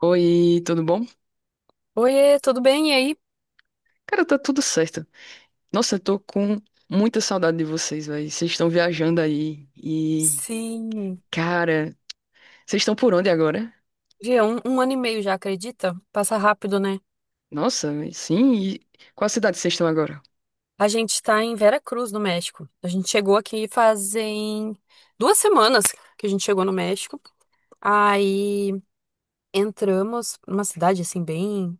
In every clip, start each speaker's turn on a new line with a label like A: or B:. A: Oi, tudo bom?
B: Oiê, tudo bem? E aí?
A: Cara, tá tudo certo. Nossa, eu tô com muita saudade de vocês, velho. Vocês estão viajando aí e,
B: Sim.
A: cara, vocês estão por onde agora?
B: Gê, um ano e meio já, acredita? Passa rápido, né?
A: Nossa, véi, sim. E qual cidade vocês estão agora?
B: A gente tá em Veracruz, no México. A gente chegou aqui fazem 2 semanas que a gente chegou no México. Aí entramos numa cidade assim, bem,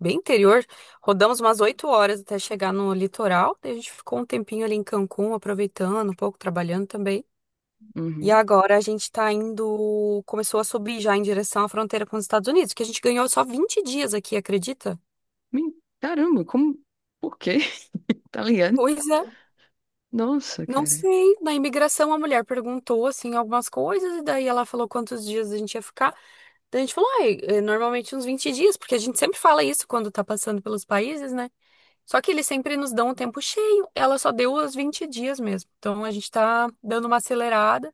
B: bem interior. Rodamos umas 8 horas até chegar no litoral. Daí a gente ficou um tempinho ali em Cancún, aproveitando, um pouco trabalhando também. E
A: Uhum.
B: agora a gente tá indo, começou a subir já em direção à fronteira com os Estados Unidos, que a gente ganhou só 20 dias aqui, acredita?
A: Men- Caramba, como? Por quê? Tá ligado?
B: Pois é,
A: Nossa,
B: não
A: cara.
B: sei. Na imigração a mulher perguntou assim algumas coisas e daí ela falou quantos dias a gente ia ficar. Daí a gente falou, ai, é, normalmente uns 20 dias, porque a gente sempre fala isso quando tá passando pelos países, né? Só que eles sempre nos dão um tempo cheio. Ela só deu os 20 dias mesmo. Então a gente tá dando uma acelerada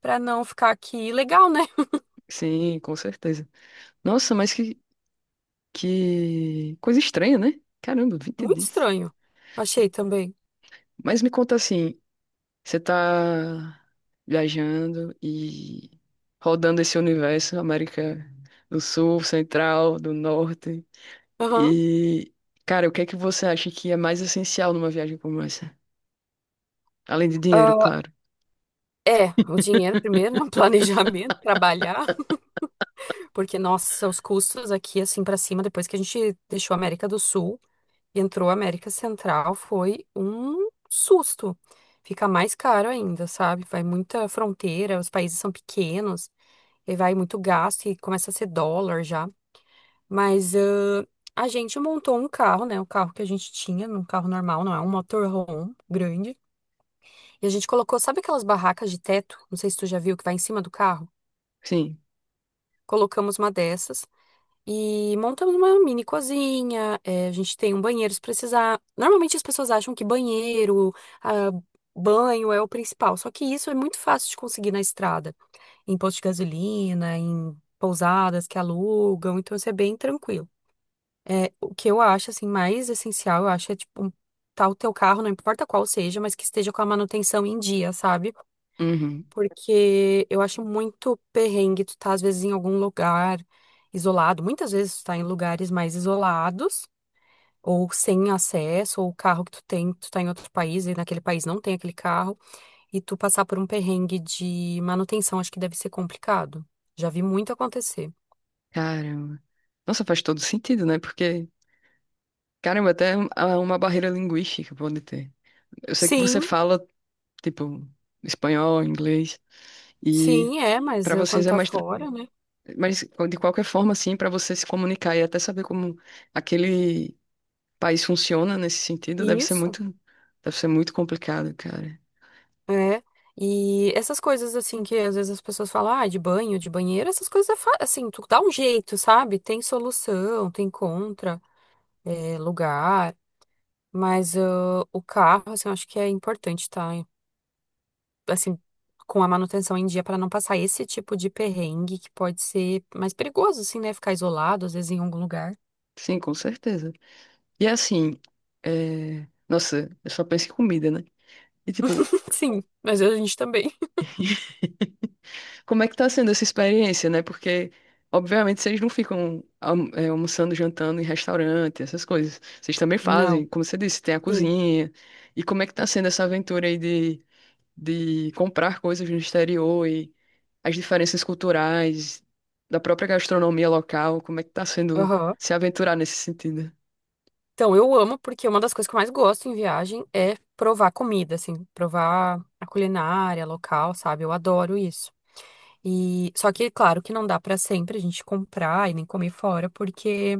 B: pra não ficar aqui legal, né?
A: Sim, com certeza. Nossa, mas que coisa estranha, né? Caramba, 20
B: Muito
A: dias.
B: estranho. Achei também.
A: Mas me conta assim, você tá viajando e rodando esse universo, América do Sul, Central, do Norte.
B: Aham.
A: E, cara, o que é que você acha que é mais essencial numa viagem como essa? Além de dinheiro,
B: Ah,
A: claro.
B: é, o dinheiro primeiro, né? O planejamento, trabalhar, porque, nossa, os custos aqui, assim, pra cima, depois que a gente deixou a América do Sul e entrou a América Central, foi um susto. Fica mais caro ainda, sabe? Vai muita fronteira, os países são pequenos, e vai muito gasto e começa a ser dólar já. Mas a gente montou um carro, né? O carro que a gente tinha, um carro normal, não é um motorhome grande. E a gente colocou, sabe aquelas barracas de teto? Não sei se tu já viu, que vai em cima do carro.
A: Sim.
B: Colocamos uma dessas e montamos uma mini cozinha. A gente tem um banheiro se precisar. Normalmente as pessoas acham que banheiro, ah, banho é o principal, só que isso é muito fácil de conseguir na estrada, em posto de gasolina, em pousadas que alugam, então isso é bem tranquilo. É, o que eu acho assim mais essencial, eu acho é tipo um, tá o teu carro, não importa qual seja, mas que esteja com a manutenção em dia, sabe?
A: Uhum.
B: Porque eu acho muito perrengue tu tá, às vezes, em algum lugar isolado. Muitas vezes tu tá em lugares mais isolados, ou sem acesso, ou o carro que tu tem, tu tá em outro país e naquele país não tem aquele carro, e tu passar por um perrengue de manutenção, acho que deve ser complicado. Já vi muito acontecer.
A: Caramba. Nossa, faz todo sentido, né? Porque, caramba, até há uma barreira linguística pode ter. Eu sei que você
B: Sim,
A: fala, tipo, espanhol, inglês, e
B: sim, é, mas
A: pra vocês
B: quando
A: é
B: tá
A: mais tranquilo.
B: fora, né?
A: Mas, de qualquer forma, assim, para você se comunicar e até saber como aquele país funciona nesse sentido, deve ser muito complicado, cara.
B: É, e essas coisas assim que às vezes as pessoas falam, ah, de banho, de banheiro, essas coisas é assim, tu dá um jeito, sabe? Tem solução, tem contra, é, lugar, mas ah, o carro, assim, eu acho que é importante estar, assim, com a manutenção em dia para não passar esse tipo de perrengue que pode ser mais perigoso, assim, né? Ficar isolado, às vezes, em algum lugar.
A: Sim, com certeza. E assim, é, nossa, eu só penso em comida, né? E tipo,
B: Sim, mas a gente também.
A: como é que tá sendo essa experiência, né? Porque, obviamente, vocês não ficam almoçando, jantando em restaurante, essas coisas. Vocês também fazem,
B: Não,
A: como você disse, tem a
B: sim.
A: cozinha. E como é que tá sendo essa aventura aí de comprar coisas no exterior, as diferenças culturais, da própria gastronomia local, como é que tá sendo
B: Aham.
A: se aventurar nesse sentido?
B: Então, eu amo porque uma das coisas que eu mais gosto em viagem é provar comida, assim, provar a culinária local, sabe? Eu adoro isso. E só que, claro, que não dá pra sempre a gente comprar e nem comer fora, porque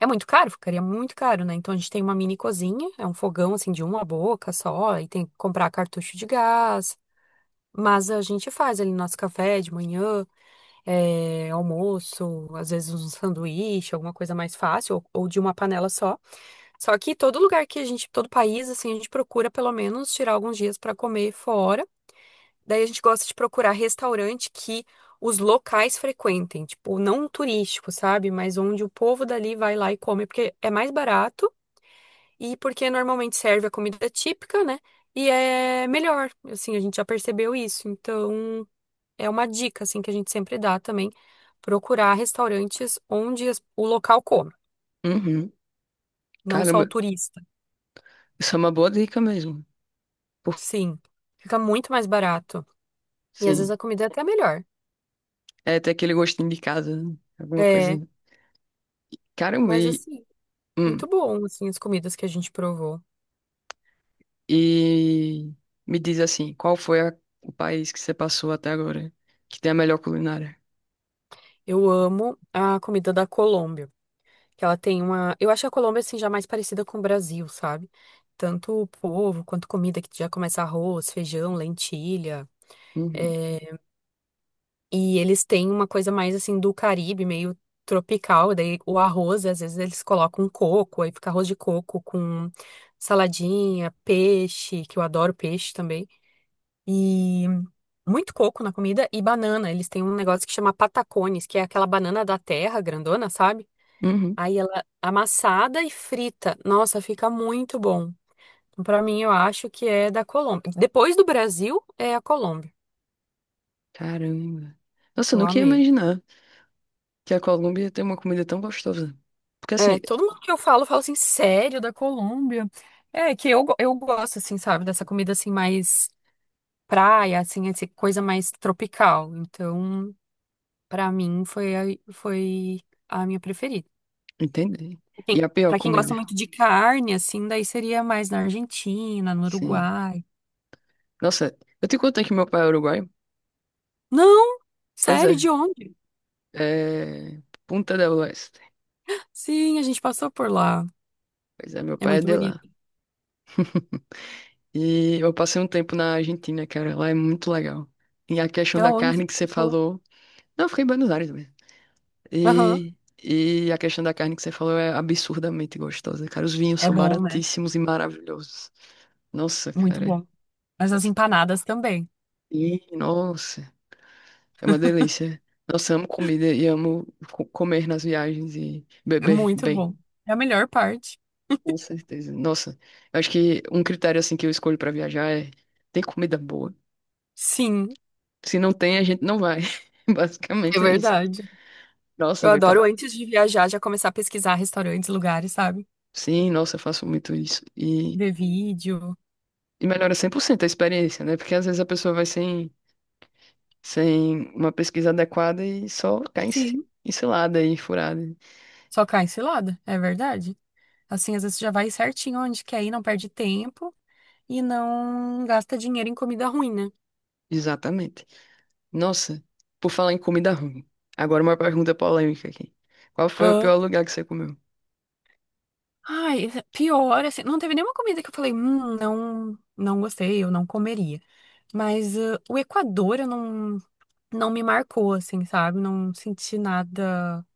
B: é muito caro, ficaria muito caro, né? Então a gente tem uma mini cozinha, é um fogão assim de uma boca só, e tem que comprar cartucho de gás. Mas a gente faz ali nosso café de manhã, é, almoço, às vezes um sanduíche, alguma coisa mais fácil, ou de uma panela só. Só que todo lugar que a gente, todo país, assim, a gente procura pelo menos tirar alguns dias para comer fora. Daí a gente gosta de procurar restaurante que os locais frequentem, tipo, não turístico, sabe? Mas onde o povo dali vai lá e come, porque é mais barato e porque normalmente serve a comida típica, né? E é melhor, assim, a gente já percebeu isso. Então, é uma dica, assim, que a gente sempre dá também, procurar restaurantes onde as- o local come,
A: Uhum.
B: não só
A: Caramba,
B: o turista.
A: isso é uma boa dica mesmo.
B: Sim, fica muito mais barato. E às vezes
A: Sim.
B: a comida é até melhor.
A: É ter aquele gostinho de casa, né? Alguma
B: É,
A: coisa. Caramba,
B: mas assim,
A: hum,
B: muito bom, assim, as comidas que a gente provou.
A: e me diz assim, qual foi o país que você passou até agora que tem a melhor culinária?
B: Eu amo a comida da Colômbia, que ela tem uma... Eu acho a Colômbia, assim, já mais parecida com o Brasil, sabe? Tanto o povo quanto comida que já começa arroz, feijão, lentilha.
A: Uhum.
B: É, e eles têm uma coisa mais, assim, do Caribe, meio tropical. Daí o arroz, às vezes eles colocam coco, aí fica arroz de coco com saladinha, peixe, que eu adoro peixe também. E muito coco na comida e banana. Eles têm um negócio que chama patacones, que é aquela banana da terra grandona, sabe?
A: Uhum.
B: Aí ela amassada e frita. Nossa, fica muito bom. Pra mim, eu acho que é da Colômbia. Depois do Brasil, é a Colômbia,
A: Caramba. Nossa,
B: que
A: eu
B: eu
A: nunca ia
B: amei.
A: imaginar que a Colômbia tem uma comida tão gostosa. Porque assim,
B: É, todo mundo que eu falo, fala assim, sério, da Colômbia? É, que eu, eu gosto, assim, sabe, dessa comida, assim, mais praia, assim, essa coisa mais tropical. Então, pra mim, foi, foi a minha preferida.
A: entende?
B: Pra
A: E
B: Quem,
A: a pior
B: para quem gosta
A: comida.
B: muito de carne, assim, daí seria mais na Argentina, no
A: Sim.
B: Uruguai.
A: Nossa, eu te contei que meu pai é uruguaio?
B: Não!
A: Pois
B: Sério,
A: é,
B: de onde?
A: é Punta del Oeste.
B: Sim, a gente passou por lá.
A: Pois é, meu
B: É
A: pai é
B: muito
A: de lá.
B: bonito.
A: E eu passei um tempo na Argentina, cara, lá é muito legal. E a questão da
B: Aonde?
A: carne que
B: Que
A: você
B: ficou?
A: falou. Não, eu fiquei em Buenos Aires mesmo.
B: Aham.
A: E, e a questão da carne que você falou é absurdamente gostosa, cara. Os vinhos
B: É
A: são
B: bom, né?
A: baratíssimos e maravilhosos. Nossa,
B: Muito
A: cara.
B: bom. Mas as
A: Nossa.
B: empanadas também.
A: E, nossa, é uma delícia. Nossa, amo comida e amo comer nas viagens e
B: É
A: beber
B: muito
A: bem.
B: bom. É a melhor parte.
A: Com certeza. Nossa, eu acho que um critério assim que eu escolho para viajar é tem comida boa.
B: Sim,
A: Se não tem, a gente não vai.
B: é
A: Basicamente é isso.
B: verdade.
A: Nossa,
B: Eu
A: vai pra...
B: adoro, antes de viajar, já começar a pesquisar restaurantes, lugares, sabe?
A: Sim, nossa, eu faço muito isso.
B: Ver vídeo.
A: E melhora 100% a experiência, né? Porque às vezes a pessoa vai sem, sem uma pesquisa adequada e só cai
B: Sim.
A: encilada e furada.
B: Só cai cilada, é verdade. Assim, às vezes já vai certinho onde quer ir, não perde tempo. E não gasta dinheiro em comida ruim, né?
A: Exatamente. Nossa, por falar em comida ruim. Agora uma pergunta polêmica aqui. Qual foi o
B: Hã?
A: pior lugar que você comeu?
B: Ai, é pior, assim, não teve nenhuma comida que eu falei, não, não gostei, eu não comeria. Mas ah, o Equador, eu não, não me marcou, assim, sabe? Não senti nada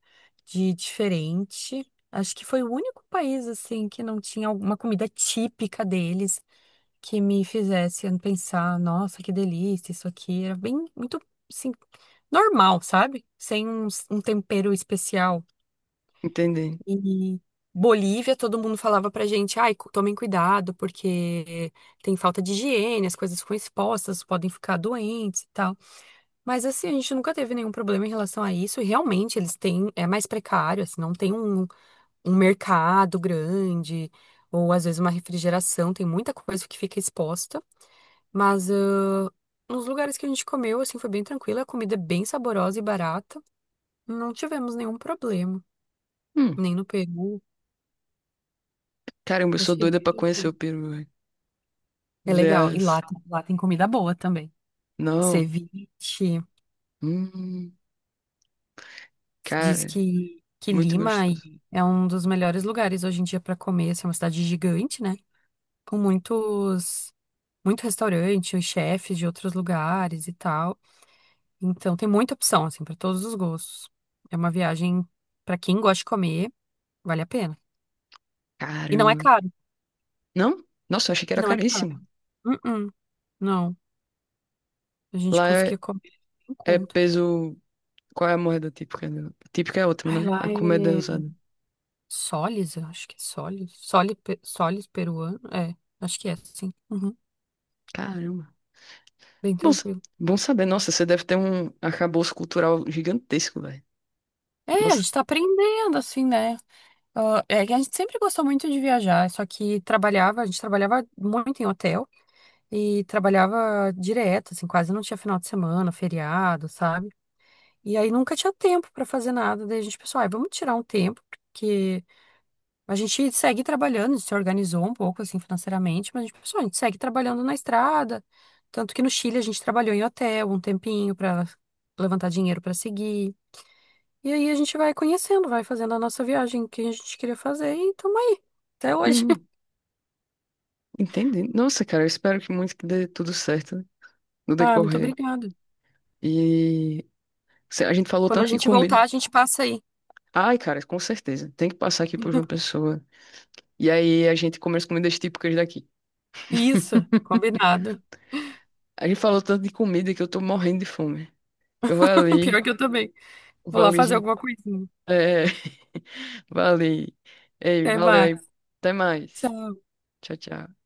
B: de diferente. Acho que foi o único país, assim, que não tinha alguma comida típica deles que me fizesse pensar, nossa, que delícia, isso aqui. Era bem, muito, assim, normal, sabe? Sem um tempero especial.
A: Entendi.
B: E Bolívia, todo mundo falava pra gente, ai, tomem cuidado, porque tem falta de higiene, as coisas ficam expostas, podem ficar doentes e tal. Mas assim, a gente nunca teve nenhum problema em relação a isso, e realmente eles têm, é mais precário, assim, não tem um mercado grande, ou às vezes uma refrigeração, tem muita coisa que fica exposta, mas ah, nos lugares que a gente comeu, assim, foi bem tranquilo, a comida é bem saborosa e barata, não tivemos nenhum problema,
A: Hum,
B: nem no Peru,
A: caramba, eu sou
B: achei bem
A: doida pra conhecer
B: tranquilo.
A: o Peru.
B: É legal. E lá,
A: Vs.
B: lá tem comida boa também.
A: Não.
B: Ceviche.
A: Hum,
B: Diz
A: cara,
B: que
A: muito
B: Lima
A: gostoso.
B: é um dos melhores lugares hoje em dia para comer. Assim, é uma cidade gigante, né? Com muitos, muito restaurante, os chefes de outros lugares e tal. Então tem muita opção, assim, para todos os gostos. É uma viagem para quem gosta de comer, vale a pena. E não é
A: Caramba.
B: caro.
A: Não? Nossa, eu achei que era
B: Não é
A: caríssimo.
B: caro. Uh-uh, não. A gente
A: Lá
B: conseguia
A: é,
B: comer em
A: é
B: conta.
A: peso. Qual é a moeda típica? Típica é outra,
B: Ai,
A: né?
B: lá
A: A comida é
B: é.
A: usada.
B: Solis, eu acho que é Solis. Solis peruano. É, acho que é, sim. Uhum,
A: Caramba.
B: bem
A: Bom, sa-
B: tranquilo.
A: Bom saber. Nossa, você deve ter um arcabouço cultural gigantesco, velho.
B: É, a
A: Nossa.
B: gente tá aprendendo, assim, né? Ah, é que a gente sempre gostou muito de viajar, só que trabalhava, a gente trabalhava muito em hotel e trabalhava direto, assim, quase não tinha final de semana, feriado, sabe? E aí nunca tinha tempo pra fazer nada, daí a gente pensou, ai, vamos tirar um tempo, porque a gente segue trabalhando, se organizou um pouco assim financeiramente, mas a gente pensou, a gente segue trabalhando na estrada. Tanto que no Chile a gente trabalhou em hotel um tempinho para levantar dinheiro para seguir. E aí a gente vai conhecendo, vai fazendo a nossa viagem que a gente queria fazer e tamo aí, até hoje.
A: Hum, entendi. Nossa, cara, eu espero que muito que dê tudo certo no
B: Ah, muito
A: decorrer.
B: obrigada.
A: E a gente falou
B: Quando a
A: tanto de
B: gente
A: comida.
B: voltar, a gente passa aí.
A: Ai, cara, com certeza. Tem que passar aqui por uma pessoa. E aí a gente come as comidas típicas daqui.
B: Isso, combinado.
A: A gente falou tanto de comida que eu tô morrendo de fome. Eu
B: Pior que eu também. Vou
A: vou
B: lá
A: ali,
B: fazer
A: já-
B: alguma coisinha.
A: é, vou ali. Ei,
B: Até
A: valeu aí.
B: mais.
A: Até mais.
B: Tchau.
A: Tchau, tchau.